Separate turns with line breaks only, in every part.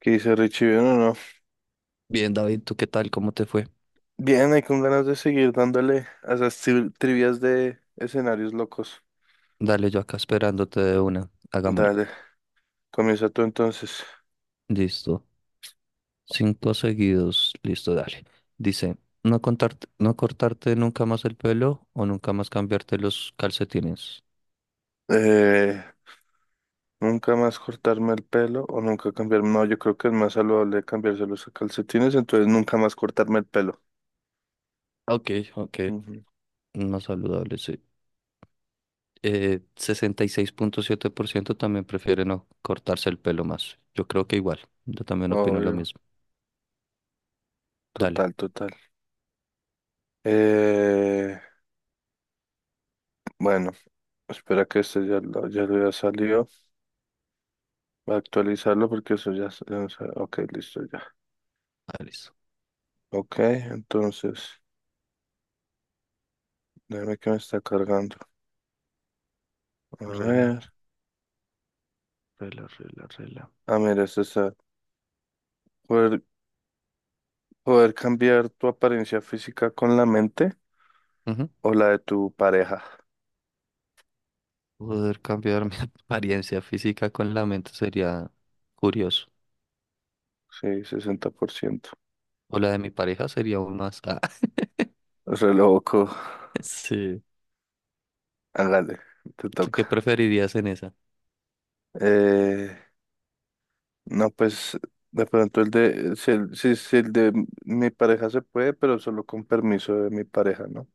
¿Qué dice Richie? Bien o no.
Bien, David, ¿tú qué tal? ¿Cómo te fue?
Bien, hay con ganas de seguir dándole a esas trivias de escenarios locos.
Dale, yo acá esperándote de una. Hagámosle.
Dale, comienza tú entonces.
Listo. Cinco seguidos. Listo, dale. Dice, no cortarte nunca más el pelo o nunca más cambiarte los calcetines.
Eh, Nunca más cortarme el pelo o nunca cambiarme. No, yo creo que es más saludable cambiarse los calcetines, entonces nunca más cortarme el pelo.
Ok, ok.
Ujú.
Más saludable, sí. 66,7 % también prefiere no cortarse el pelo más. Yo creo que igual. Yo también opino lo
Obvio,
mismo. Dale.
total, total. Eh, bueno, Espera que este ya lo haya salido. Voy a actualizarlo porque eso ya, ya no Ok, listo ya.
Ah, listo.
Ok, entonces. Déjame que me está cargando. A
Rela,
ver.
rela, rela, rela.
Ah, mira, es esa. Poder, Poder cambiar tu apariencia física con la mente o la de tu pareja.
Poder cambiar mi apariencia física con la mente sería curioso.
Sí, 60%.
O la de mi pareja sería aún más. Ah,
Re loco.
sí.
Hágale, te
¿Tú qué
toca.
preferirías en esa?
Eh, no, pues de pronto el de. Si el, si, si el de mi pareja se puede, pero solo con permiso de mi pareja, ¿no?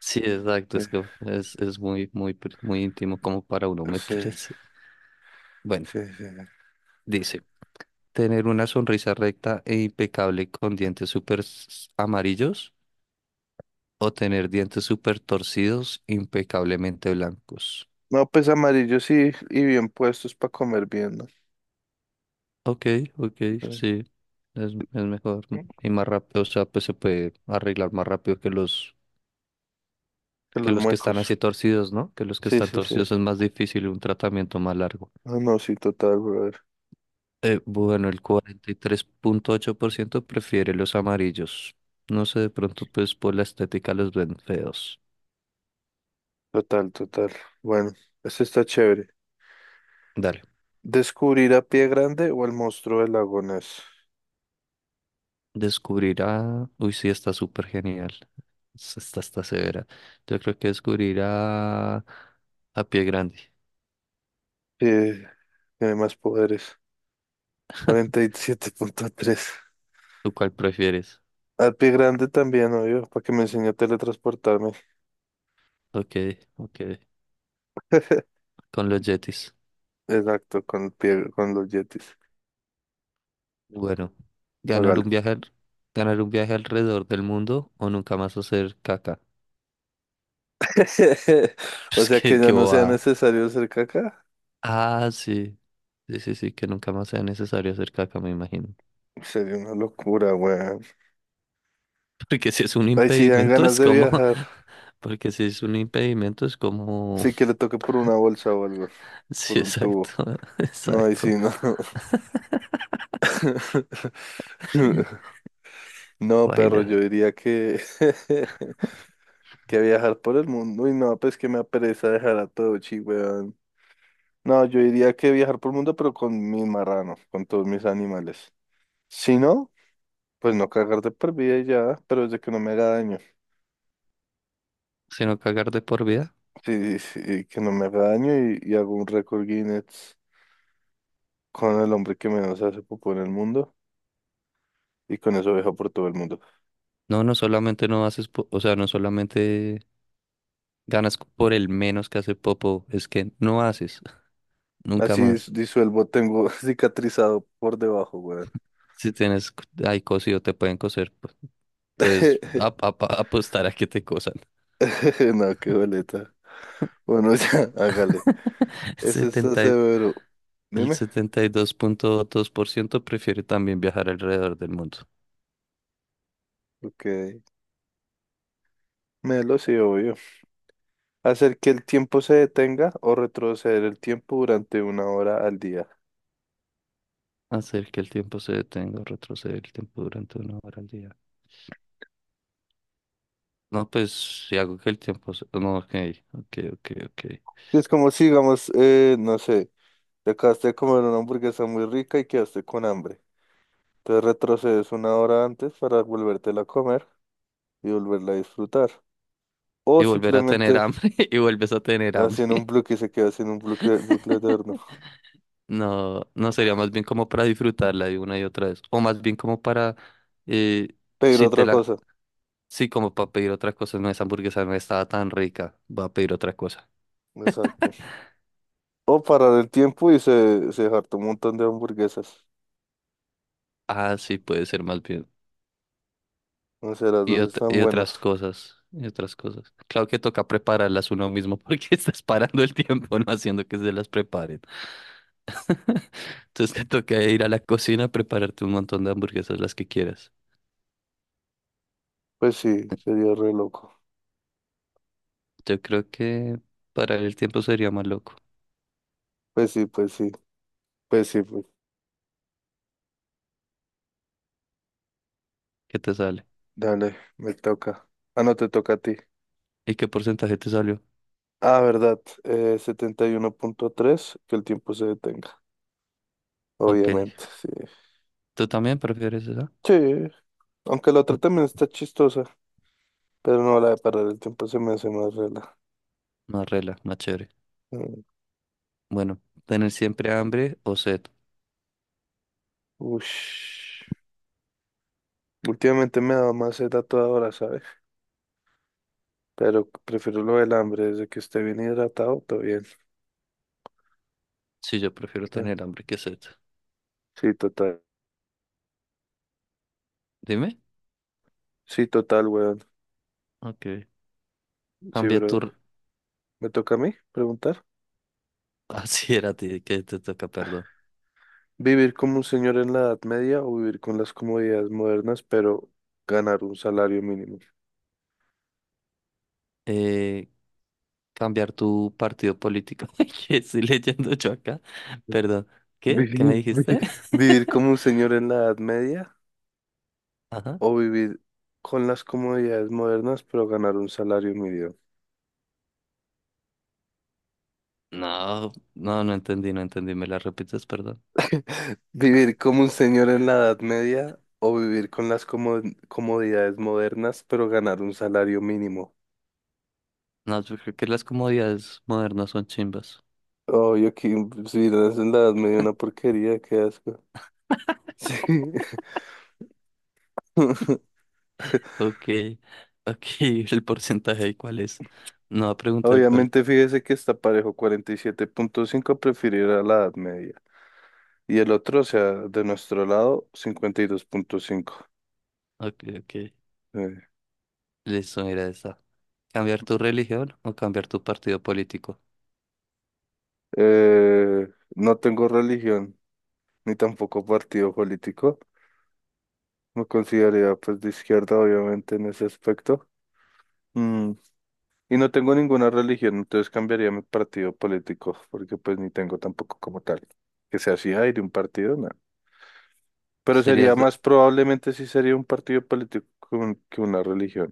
Sí, exacto.
Eh,
Es que es muy, muy, muy íntimo como para uno
Sí,
meterse. Bueno,
sí, sí.
dice, tener una sonrisa recta e impecable con dientes súper amarillos o tener dientes súper torcidos, impecablemente blancos.
No, pues amarillos sí, y bien puestos para comer bien, ¿no?
Ok, ok,
Eh,
sí, es mejor y más rápido, o sea, pues se puede arreglar más rápido que los
Que
que
los
los que
muecos.
están así torcidos, ¿no? Que los que
Sí,
están
sí, sí.
torcidos es más difícil y un tratamiento más largo.
Ah, no, sí, total, brother.
Bueno, el 43,8 % prefiere los amarillos. No sé, de pronto pues por la estética los ven feos.
Total, total. Bueno, este está chévere.
Dale,
¿Descubrir a Pie Grande o el monstruo del lago Ness?
descubrirá, uy, sí, está súper genial. Esta está severa. Yo creo que descubrirá a Pie Grande.
Eh, Tiene más poderes. 47.3.
¿Tú cuál prefieres?
Al Pie Grande también, obvio, para que me enseñe a teletransportarme.
Ok, ok, con los Yetis.
Exacto, con el pie, con los yetis.
Bueno, ganar
Hágale.
un viaje, al- ganar un viaje alrededor del mundo o nunca más hacer caca.
O
Es
sea que
que,
ya
que
no sea
bobada.
necesario hacer caca.
Ah, sí. Sí, sí, sí, que nunca más sea necesario hacer caca, me imagino.
Sería una locura, weón.
Porque si es un
Ay, sí, dan
impedimento,
ganas
es
de
como.
viajar.
Porque si es un impedimento, es como.
Sí, que le toque por una bolsa o algo, por
Sí,
un tubo.
exacto,
No, ahí sí,
exacto.
no. No, perro, yo
Baila.
diría que, que viajar por el mundo. Uy, no, pues que me apereza dejar a todo, chi, weón. No, yo diría que viajar por el mundo, pero con mis marranos, con todos mis animales. Si no, pues no cagar de por vida y ya, pero es de que no me haga daño.
Sino cagar de por vida.
Sí, sí, que no me haga daño y, hago un récord Guinness con el hombre que menos hace popó en el mundo y con eso viajo por todo el mundo.
No, no solamente no haces, o sea, no solamente ganas por el menos que hace Popo, es que no haces, nunca
Así
más.
disuelvo, tengo cicatrizado por debajo, weón.
Si tienes ahí cosido, te pueden coser, pues, apostar a que te cosan.
No, qué boleta. Bueno, ya, hágale.
El
Ese está
70 y-
severo.
el
Dime.
72,2 % prefiere también viajar alrededor del mundo.
Ok. Melo, sí, obvio. Hacer que el tiempo se detenga o retroceder el tiempo durante una hora al día.
Hacer que el tiempo se detenga, o retroceder el tiempo durante una hora al día. No, pues si hago que el tiempo se. No, ok, ok, ok, ok.
Es como si, digamos, no sé, te acabaste de comer una hamburguesa muy rica y quedaste con hambre. Entonces retrocedes una hora antes para volvértela a comer y volverla a disfrutar. O
Y volver a tener
simplemente
hambre, y vuelves a tener hambre.
haciendo un bloque y se queda haciendo bucle eterno.
No, no sería más bien como para disfrutarla de una y otra vez. O más bien como para, eh,
Pedir
si te
otra
la,
cosa.
sí, como para pedir otra cosa. No, esa hamburguesa no estaba tan rica. Voy a pedir otra cosa.
Exacto. O parar el tiempo y se hartó un montón de hamburguesas.
Ah, sí, puede ser más bien.
No sé, las
Y,
dos
ot-
están
y
buenas.
otras cosas, y otras cosas. Claro que toca prepararlas uno mismo porque estás parando el tiempo, no haciendo que se las preparen. Entonces te toca ir a la cocina a prepararte un montón de hamburguesas, las que quieras.
Pues sí, sería re loco.
Yo creo que parar el tiempo sería más loco.
Pues sí, pues sí, pues sí, pues.
¿Qué te sale?
Dale, me toca. Ah, no, te toca a ti.
¿Y qué porcentaje te salió?
Ah, verdad, 71.3, que el tiempo se detenga,
Ok.
obviamente, sí.
¿Tú también prefieres esa?
Sí, aunque la otra
Ah,
también está chistosa, pero no, la de parar el tiempo se me hace más rela.
más rela, más chévere.
Mm,
Bueno, ¿tener siempre hambre o sed?
ush. Últimamente me da más sed a toda hora, ¿sabes? Pero prefiero lo del hambre, desde que esté bien hidratado, todavía.
Sí, yo prefiero
Ah,
tener hambre que sed.
sí, total.
Dime.
Sí, total, weón.
Ok.
Sí,
Cambia tu...
bro.
r-
¿Me toca a mí preguntar?
Así era a ti que te toca, perdón.
¿Vivir como un señor en la Edad Media o vivir con las comodidades modernas, pero ganar un salario mínimo?
Eh, cambiar tu partido político. Ay, ¿qué estoy leyendo yo acá? Perdón. ¿Qué? ¿Qué me
¿Vivir, vi-
dijiste?
¿Vivir como un señor en la Edad Media
Ajá.
o vivir con las comodidades modernas, pero ganar un salario mínimo?
No, no, no entendí, no entendí. ¿Me las repites, perdón?
¿Vivir como un señor en la Edad Media o vivir con las comodidades modernas, pero ganar un salario mínimo?
No, yo creo que las comodidades modernas son chimbas.
Oh, yo aquí, sí, la ensalada me dio una porquería, qué asco. Sí.
Ok, ok, el porcentaje, de ¿cuál es? No va a preguntar cuál.
Obviamente, fíjese que está parejo, 47.5 preferirá la Edad Media. Y el otro, o sea, de nuestro lado, 52.5.
Ok, ok,
Sí.
listo, mira esa. ¿Cambiar tu religión o cambiar tu partido político?
Eh, no tengo religión, ni tampoco partido político. Me consideraría pues de izquierda, obviamente, en ese aspecto. Mm, y no tengo ninguna religión, entonces cambiaría mi partido político, porque pues ni tengo tampoco como tal. Que sea así, ay, de un partido, no. Pero sería
Serías de,
más probablemente si sería un partido político que que una religión.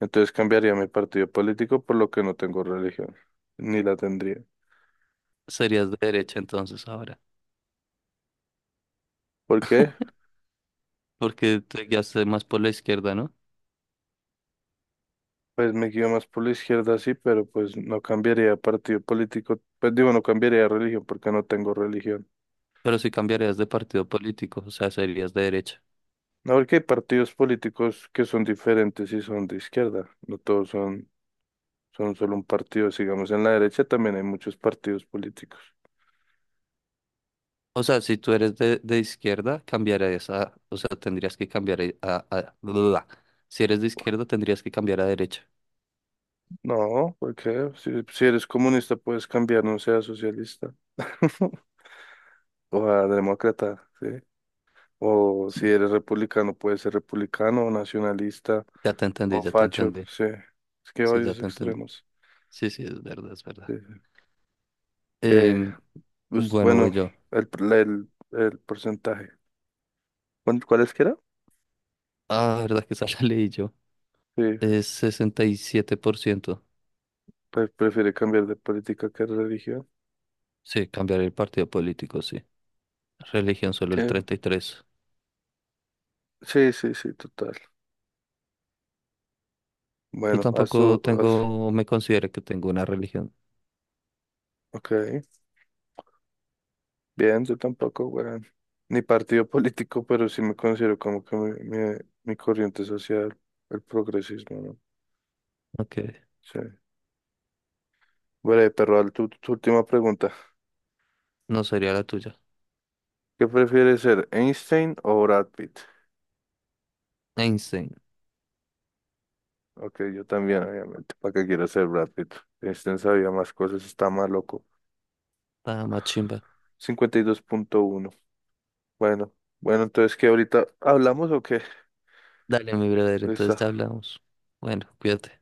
Entonces cambiaría mi partido político por lo que no tengo religión, ni la tendría.
serías de derecha entonces ahora,
¿Por qué?
porque te guiaste más por la izquierda, ¿no?
Pues me guío más por la izquierda, sí, pero pues no cambiaría de partido político, pues digo, no cambiaría de religión porque no tengo religión.
Pero si cambiarías de partido político, o sea, serías de derecha.
No, porque hay partidos políticos que son diferentes y son de izquierda, no todos son solo un partido. Sigamos en la derecha, también hay muchos partidos políticos.
O sea, si tú eres de izquierda, cambiarías a, o sea, tendrías que cambiar. Si eres de izquierda, tendrías que cambiar a derecha.
No, porque si eres comunista puedes cambiar, no seas socialista o a demócrata, ¿sí? O si
Sí,
eres republicano puedes ser republicano o nacionalista
ya te entendí,
o
ya te
facho,
entendí.
sí. Es que hay
Sí, ya
varios
te entendí.
extremos.
Sí, sí, es verdad, es
Sí,
verdad.
sí. Eh,
Em,
pues
bueno, voy
bueno,
yo.
el porcentaje. ¿Cuál es que era?
Ah, verdad que esa la leí yo.
Sí,
Es 67%.
prefiere cambiar de política que de religión.
Sí, cambiar el partido político, sí. Religión solo
Sí,
el 33%.
sí, sí, sí, total.
Yo
Bueno, a
tampoco
su.
tengo, me considero que tengo una religión.
Ok, bien, yo tampoco, weón. Ni partido político, pero sí me considero como que mi corriente social, el progresismo, ¿no?
Aunque
Sí. Bueno, pero tu última pregunta.
no sería la tuya.
¿Qué prefieres ser, Einstein o Brad Pitt?
Einstein,
Ok, yo también, obviamente. ¿Para qué quiero ser Brad Pitt? Einstein sabía más cosas, está más loco.
nada más chimba.
52.1. Bueno, bueno, entonces, ¿qué ahorita hablamos o qué?
Dale, mi brother, entonces
Listo.
ya hablamos. Bueno, cuídate.